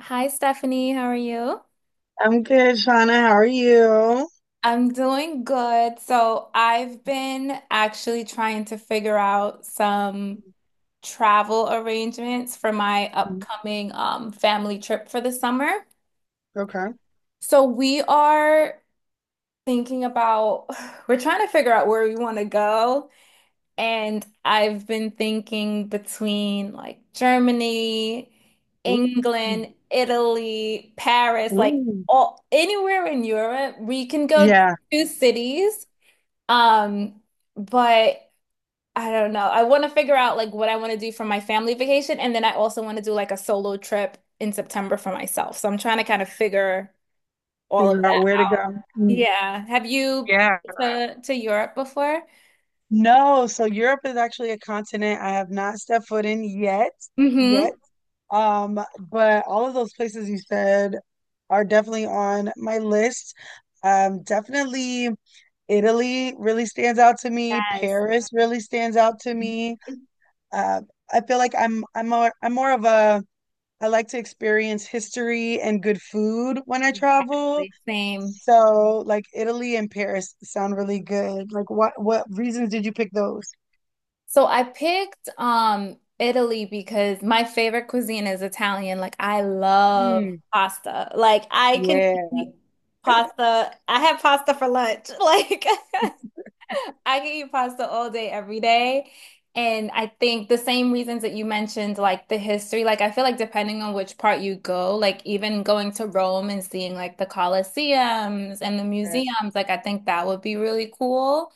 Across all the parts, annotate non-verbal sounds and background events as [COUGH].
Hi, Stephanie. How are you? I'm good, Shauna. How are you? I'm doing good. So, I've been actually trying to figure out some travel arrangements for my Mm. upcoming family trip for the summer. Okay. So, we are thinking about, [SIGHS] we're trying to figure out where we want to go. And I've been thinking between like Germany, Ooh. Mm. England, Italy, Paris, like Ooh. all anywhere in Europe, we can go Yeah. to cities. Um, but I don't know. I want to figure out like what I want to do for my family vacation, and then I also want to do like a solo trip in September for myself. So I'm trying to kind of figure all of Figure out that where to out. go. Mm. Yeah. Have you Yeah. been to Europe before? No, so Europe is actually a continent I have not stepped foot in yet. Mm-hmm. Yet. Um, but all of those places you said are definitely on my list. Definitely Italy really stands out to me. Yes. Paris really stands out to me. Mm-hmm. Uh, I feel like I'm more, I'm more of a I like to experience history and good food when I travel. Exactly. Same. So, like Italy and Paris sound really good. Like, what reasons did you pick those? So I picked Italy because my favorite cuisine is Italian. Like I love Mm, pasta. Like I can yeah. eat pasta. I have pasta for lunch. [LAUGHS] Like I can eat pasta all day, every day. And I think the same reasons that you mentioned, like the history, like I feel like depending on which part you go, like even going to Rome and seeing like the Colosseums and the Yes, museums, like I think that would be really cool.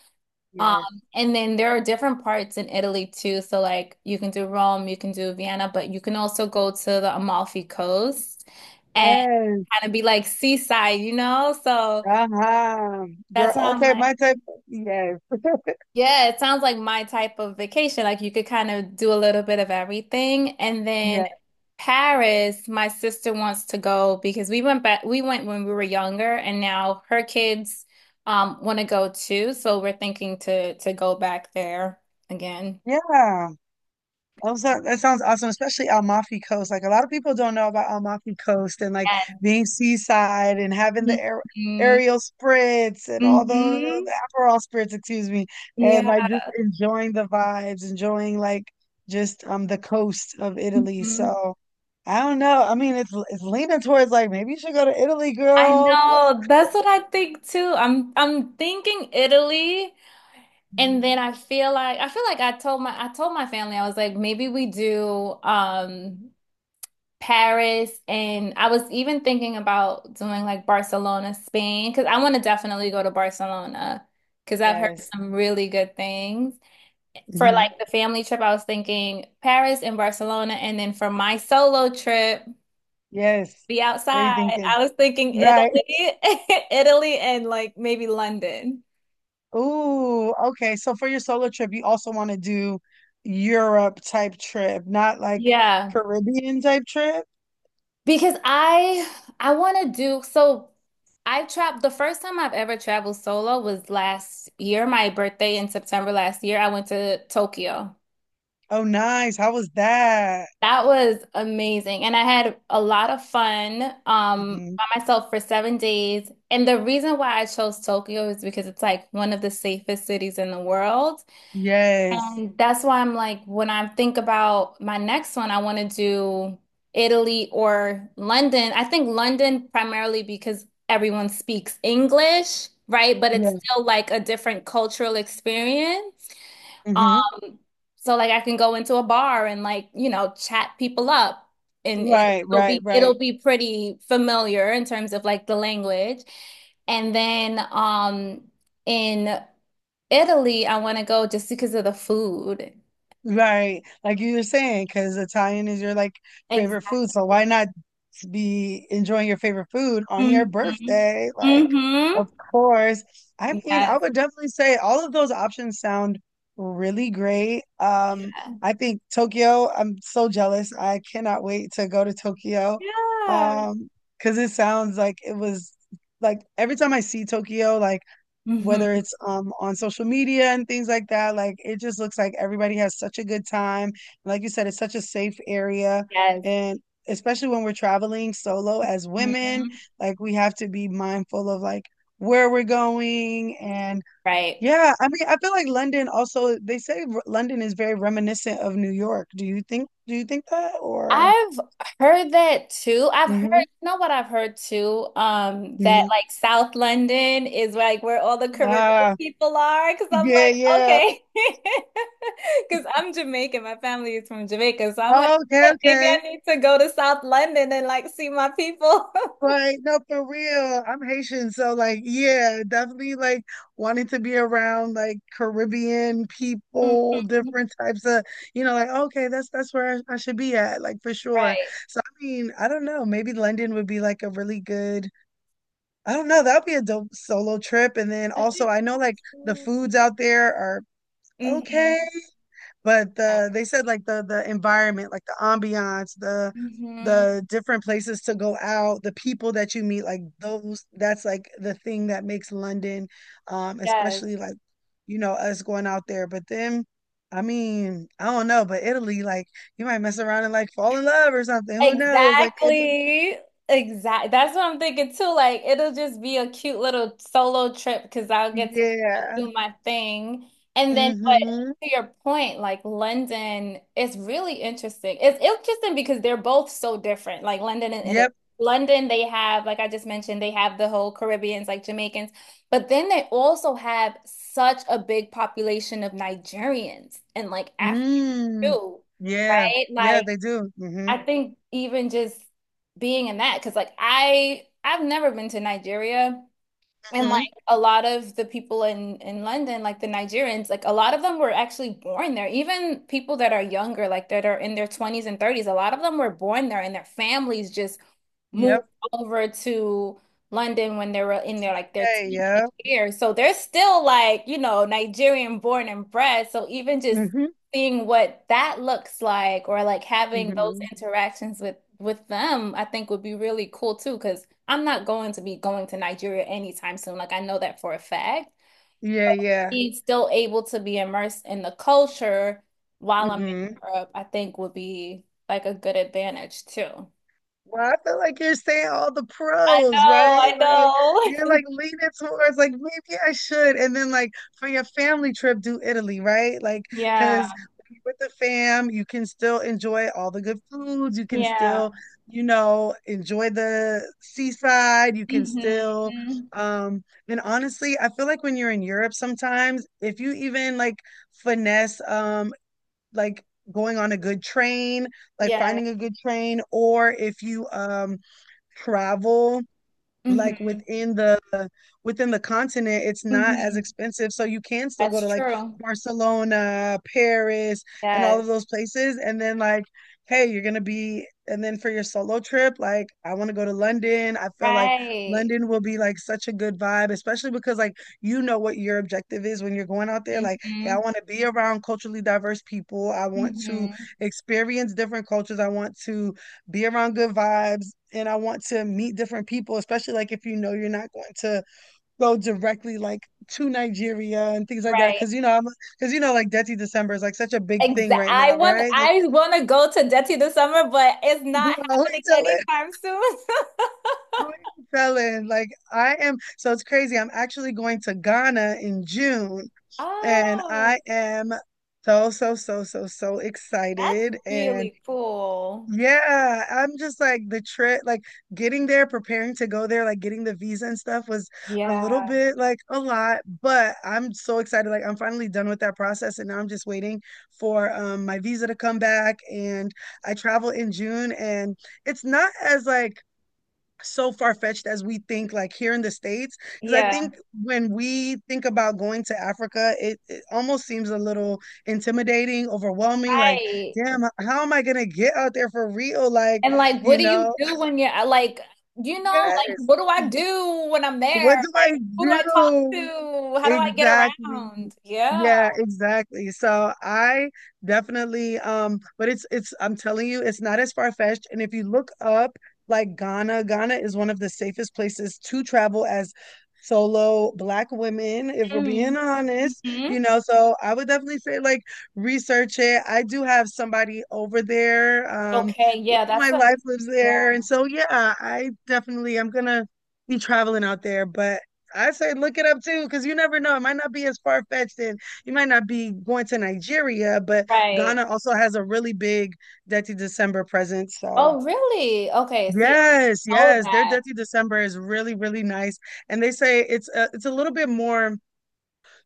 Um, yes, and then there are different parts in Italy too. So like you can do Rome, you can do Vienna, but you can also go to the Amalfi Coast and yes. kind of be like seaside, you know? So Uh-huh. Girl, that's why I'm okay, like, my type. Yes, yeah, it sounds like my type of vacation. Like you could kind of do a little bit of everything. And then yes, Paris, my sister wants to go because we went back, we went when we were younger, and now her kids want to go too. So we're thinking to go back there again. yeah. Oh, that sounds awesome, especially Amalfi Coast. Like a lot of people don't know about Amalfi Coast and like being seaside and having the air Mm-hmm. aerial spritz and all those, the Mm-hmm. Aperol spritz, excuse me, and Yeah. like just enjoying the vibes, enjoying like just the coast of Italy. Hmm. So I don't know. I mean, it's leaning towards like maybe you should go to Italy, I girl. know. That's what I think too. I'm thinking Italy, and Mhm. then I feel like I told my family I was like maybe we do Paris, and I was even thinking about doing like Barcelona, Spain, because I want to definitely go to Barcelona because I've heard Yes. some really good things. For Hmm. like the family trip, I was thinking Paris and Barcelona, and then for my solo trip. Yes. Be What are you outside. thinking? I was thinking Right. Italy, [LAUGHS] Italy and like maybe London. Ooh, okay. So for your solo trip, you also want to do Europe type trip, not like Yeah, Caribbean type trip. because I want to do so I traveled the first time I've ever traveled solo was last year, my birthday in September last year. I went to Tokyo. Oh, nice. How was that? That was amazing and I had a lot of fun Hmm. by myself for 7 days. And the reason why I chose Tokyo is because it's like one of the safest cities in the world. Yes. And that's why I'm like, when I think about my next one, I want to do Italy or London. I think London primarily because everyone speaks English, right? But it's Yeah. still like a different cultural experience. Hmm. Um, so like I can go into a bar and like, you know, chat people up and it, Right, it'll right, be right, it'll be pretty familiar in terms of like the language. And then in Italy, I want to go just because of the food. right. Like you were saying, because Italian is your like favorite Exactly. food, so why not to be enjoying your favorite food on Hmm. your birthday. Like, Hmm. of course. I mean, I Yes. would definitely say all of those options sound really great. Um, Yeah. I think Tokyo, I'm so jealous. I cannot wait to go to Tokyo. Yeah. Um, because it sounds like it was like every time I see Tokyo, like whether Hmm. it's on social media and things like that. Like it just looks like everybody has such a good time. Like you said, it's such a safe area Yes. and especially when we're traveling solo as women, Hmm. like we have to be mindful of like where we're going. And Right. yeah, I mean, I feel like London also, they say London is very reminiscent of New York. Do you think that, or? I've heard that too. I've heard, Mhm. you know what I've heard too? That Mhm. like South London is like where all the Caribbean Ah, people are. Cause I'm yeah, like, yeah. okay. [LAUGHS] Cause I'm Jamaican. My family is from Jamaica. So I'm like, "Hey, Okay, maybe I okay. need to go to South London and like see my people." [LAUGHS] Like, no, for real. I'm Haitian, so like, yeah, definitely like wanting to be around like Caribbean Mhm. people, different types of, you know, like, okay, that's where I should be at, like for sure. Right. So I mean, I don't know, maybe London would be like a really good. I don't know, that would be a dope solo trip. And then I also think I know so like the too. foods out there are okay, Hmm. but they said like the environment, like the ambiance, the Hmm. the different places to go out, the people that you meet, like those, that's like the thing that makes London, Yes, especially like, you know, us going out there. But then, I mean, I don't know, but Italy, like you might mess around and like fall in love or something. Who knows? Like it, exactly. Exactly. That's what I'm thinking too. Like, it'll just be a cute little solo trip because I'll get to kinda yeah. do my thing. And then, but Mm-hmm. to your point, like London is really interesting. It's interesting because they're both so different. Like London and Italy. Yep. London, they have, like I just mentioned, they have the whole Caribbeans, like Jamaicans, but then they also have such a big population of Nigerians and like Africa Mm. too. Yeah. Right? Yeah, Like, they do. Mm-hmm. I think even just being in that, because like I've never been to Nigeria, and like Mm-hmm. a lot of the people in London, like the Nigerians, like a lot of them were actually born there. Even people that are younger, like that are in their 20s and 30s, a lot of them were born there and their families just moved Yep. over to London when they were in their like their Hey, yeah. teenage years. So they're still like, you know, Nigerian born and bred. So even just [LAUGHS] seeing what that looks like or like having those Hmm. interactions with them, I think would be really cool too, because I'm not going to be going to Nigeria anytime soon. Like I know that for a fact. Yeah, yeah. Be still able to be immersed in the culture while I'm in Hmm. Europe, I think would be like a good advantage too. Well, I feel like you're saying all the I pros, know, right? I Like you're know. [LAUGHS] like leaning towards like maybe I should, and then like for your family trip, do Italy, right? Like Yeah. because with the fam, you can still enjoy all the good foods. You can Yeah. still enjoy the seaside. You can still, Mm-hmm. um, and honestly, I feel like when you're in Europe, sometimes if you even like finesse. Like going on a good train, like Yeah. finding a good train, or if you travel like Mm-hmm. within the continent, it's not as Mm-hmm. expensive, so you can still go That's to like true. Barcelona, Paris, and all of Yes. those places. And then like, hey, you're going to be. And then for your solo trip, like I want to go to London. I feel like Right. London will be like such a good vibe, especially because like, you know what your objective is when you're going out there. Like, hey, I Mm-hmm. want to be around culturally diverse people, I want to Mm-hmm. experience different cultures, I want to be around good vibes, and I want to meet different people. Especially like if you know you're not going to go directly like to Nigeria and things like that. Right. Cause you know, like Dirty December is like such a big thing Exactly. right I now, want right? Like, I want to go to Jetty this summer, but it's [LAUGHS] not girl, who happening you telling? anytime soon. [LAUGHS] Who you telling? Like, I am, so it's crazy. I'm actually going to Ghana in June, and Oh, I am so, so, so, so, so that's excited. And really cool. yeah, I'm just like the trip, like getting there, preparing to go there, like getting the visa and stuff was a little Yeah. bit like a lot, but I'm so excited. Like I'm finally done with that process, and now I'm just waiting for my visa to come back. And I travel in June, and it's not as like so far-fetched as we think like here in the states, because I Yeah. think when we think about going to Africa, it almost seems a little intimidating, overwhelming, like, Right. damn, how am I going to get out there, for real? Like, And like, you what do you know? do when you're like, you know, like, Yes. what do I do when I'm there? What do I Like, who do I talk do? to? How do I get Exactly. around? Yeah. Yeah, exactly. So I definitely, but it's I'm telling you, it's not as far-fetched. And if you look up like Ghana, Ghana is one of the safest places to travel as solo black women, if we're Mm. being honest, Hmm. you know. So I would definitely say like research it. I do have somebody over there. Okay. Love Yeah. of my That's a, life lives yeah. there, and so yeah, I definitely, I'm gonna be traveling out there, but I say look it up too, because you never know. It might not be as far fetched, and you might not be going to Nigeria, but Right. Ghana also has a really big Dirty December presence. So Oh, really? Okay. See, yes, I know yes, their that. Dirty December is really really nice, and they say it's a little bit more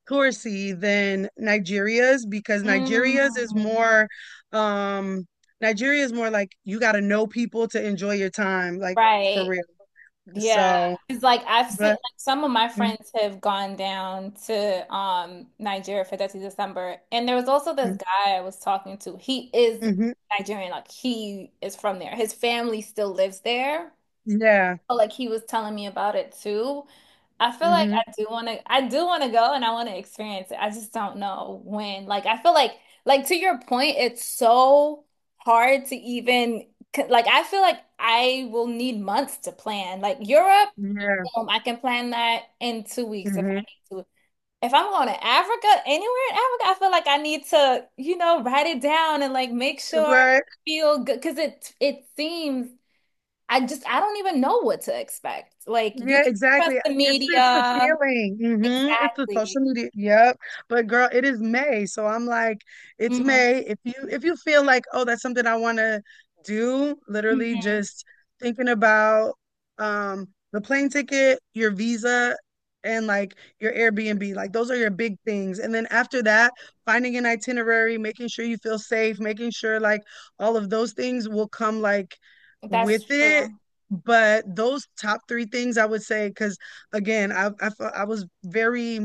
touristy than Nigeria's, because Mm, Nigeria's is more. um Nigeria is more like you got to know people to enjoy your time, like for right. real. Yeah. So, It's like I've seen but like some of my mhm, friends have gone down to Nigeria for 30th December. And there was also this guy I was talking to. He is mhm, Nigerian, like he is from there. His family still lives there. yeah. Felt like he was telling me about it too. I feel like Mhm. I do want to go and I want to experience it. I just don't know when. Like I feel like to your point, it's so hard to even like I feel like I will need months to plan. Like Europe, Yeah. I can plan that in 2 weeks if I Hmm. need to. If I'm going to Africa, anywhere in Africa, I feel like I need to, you know, write it down and like make sure I Right. feel good because it seems I just I don't even know what to expect. Like you Yeah, can trust exactly. the It's the media. feeling. Hmm. It's the Exactly. social media. Yep. But girl, it is May. So I'm like, it's Hmm. May. If you feel like, oh, that's something I want to do, literally Hmm. just thinking about um the plane ticket, your visa, and like your Airbnb. Like those are your big things. And then after that, finding an itinerary, making sure you feel safe, making sure like all of those things will come like That's with it. true. But those top three things I would say, because again, I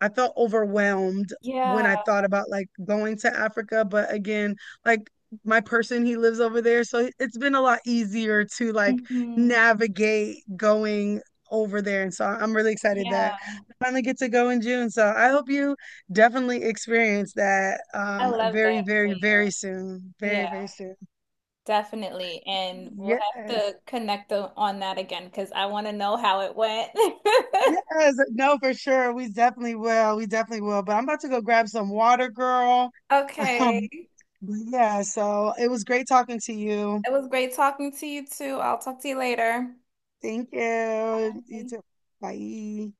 I felt overwhelmed when Yeah. I thought about like going to Africa. But again, like my person, he lives over there. So it's been a lot easier to like Hmm. navigate going over there. And so I'm really excited that Yeah. I finally get to go in June. So I hope you definitely experience that I love that very, for very, you. very soon. Very, Yeah, very soon. definitely. And we'll have to Yes. connect the, on that again because I want to know how it went. [LAUGHS] Yes, no, for sure. We definitely will. We definitely will. But I'm about to go grab some water, girl. [LAUGHS] Um, Okay. but yeah, so it was great talking to you. It was great talking to you too. I'll talk to you later. Thank you. You Bye. too. Bye.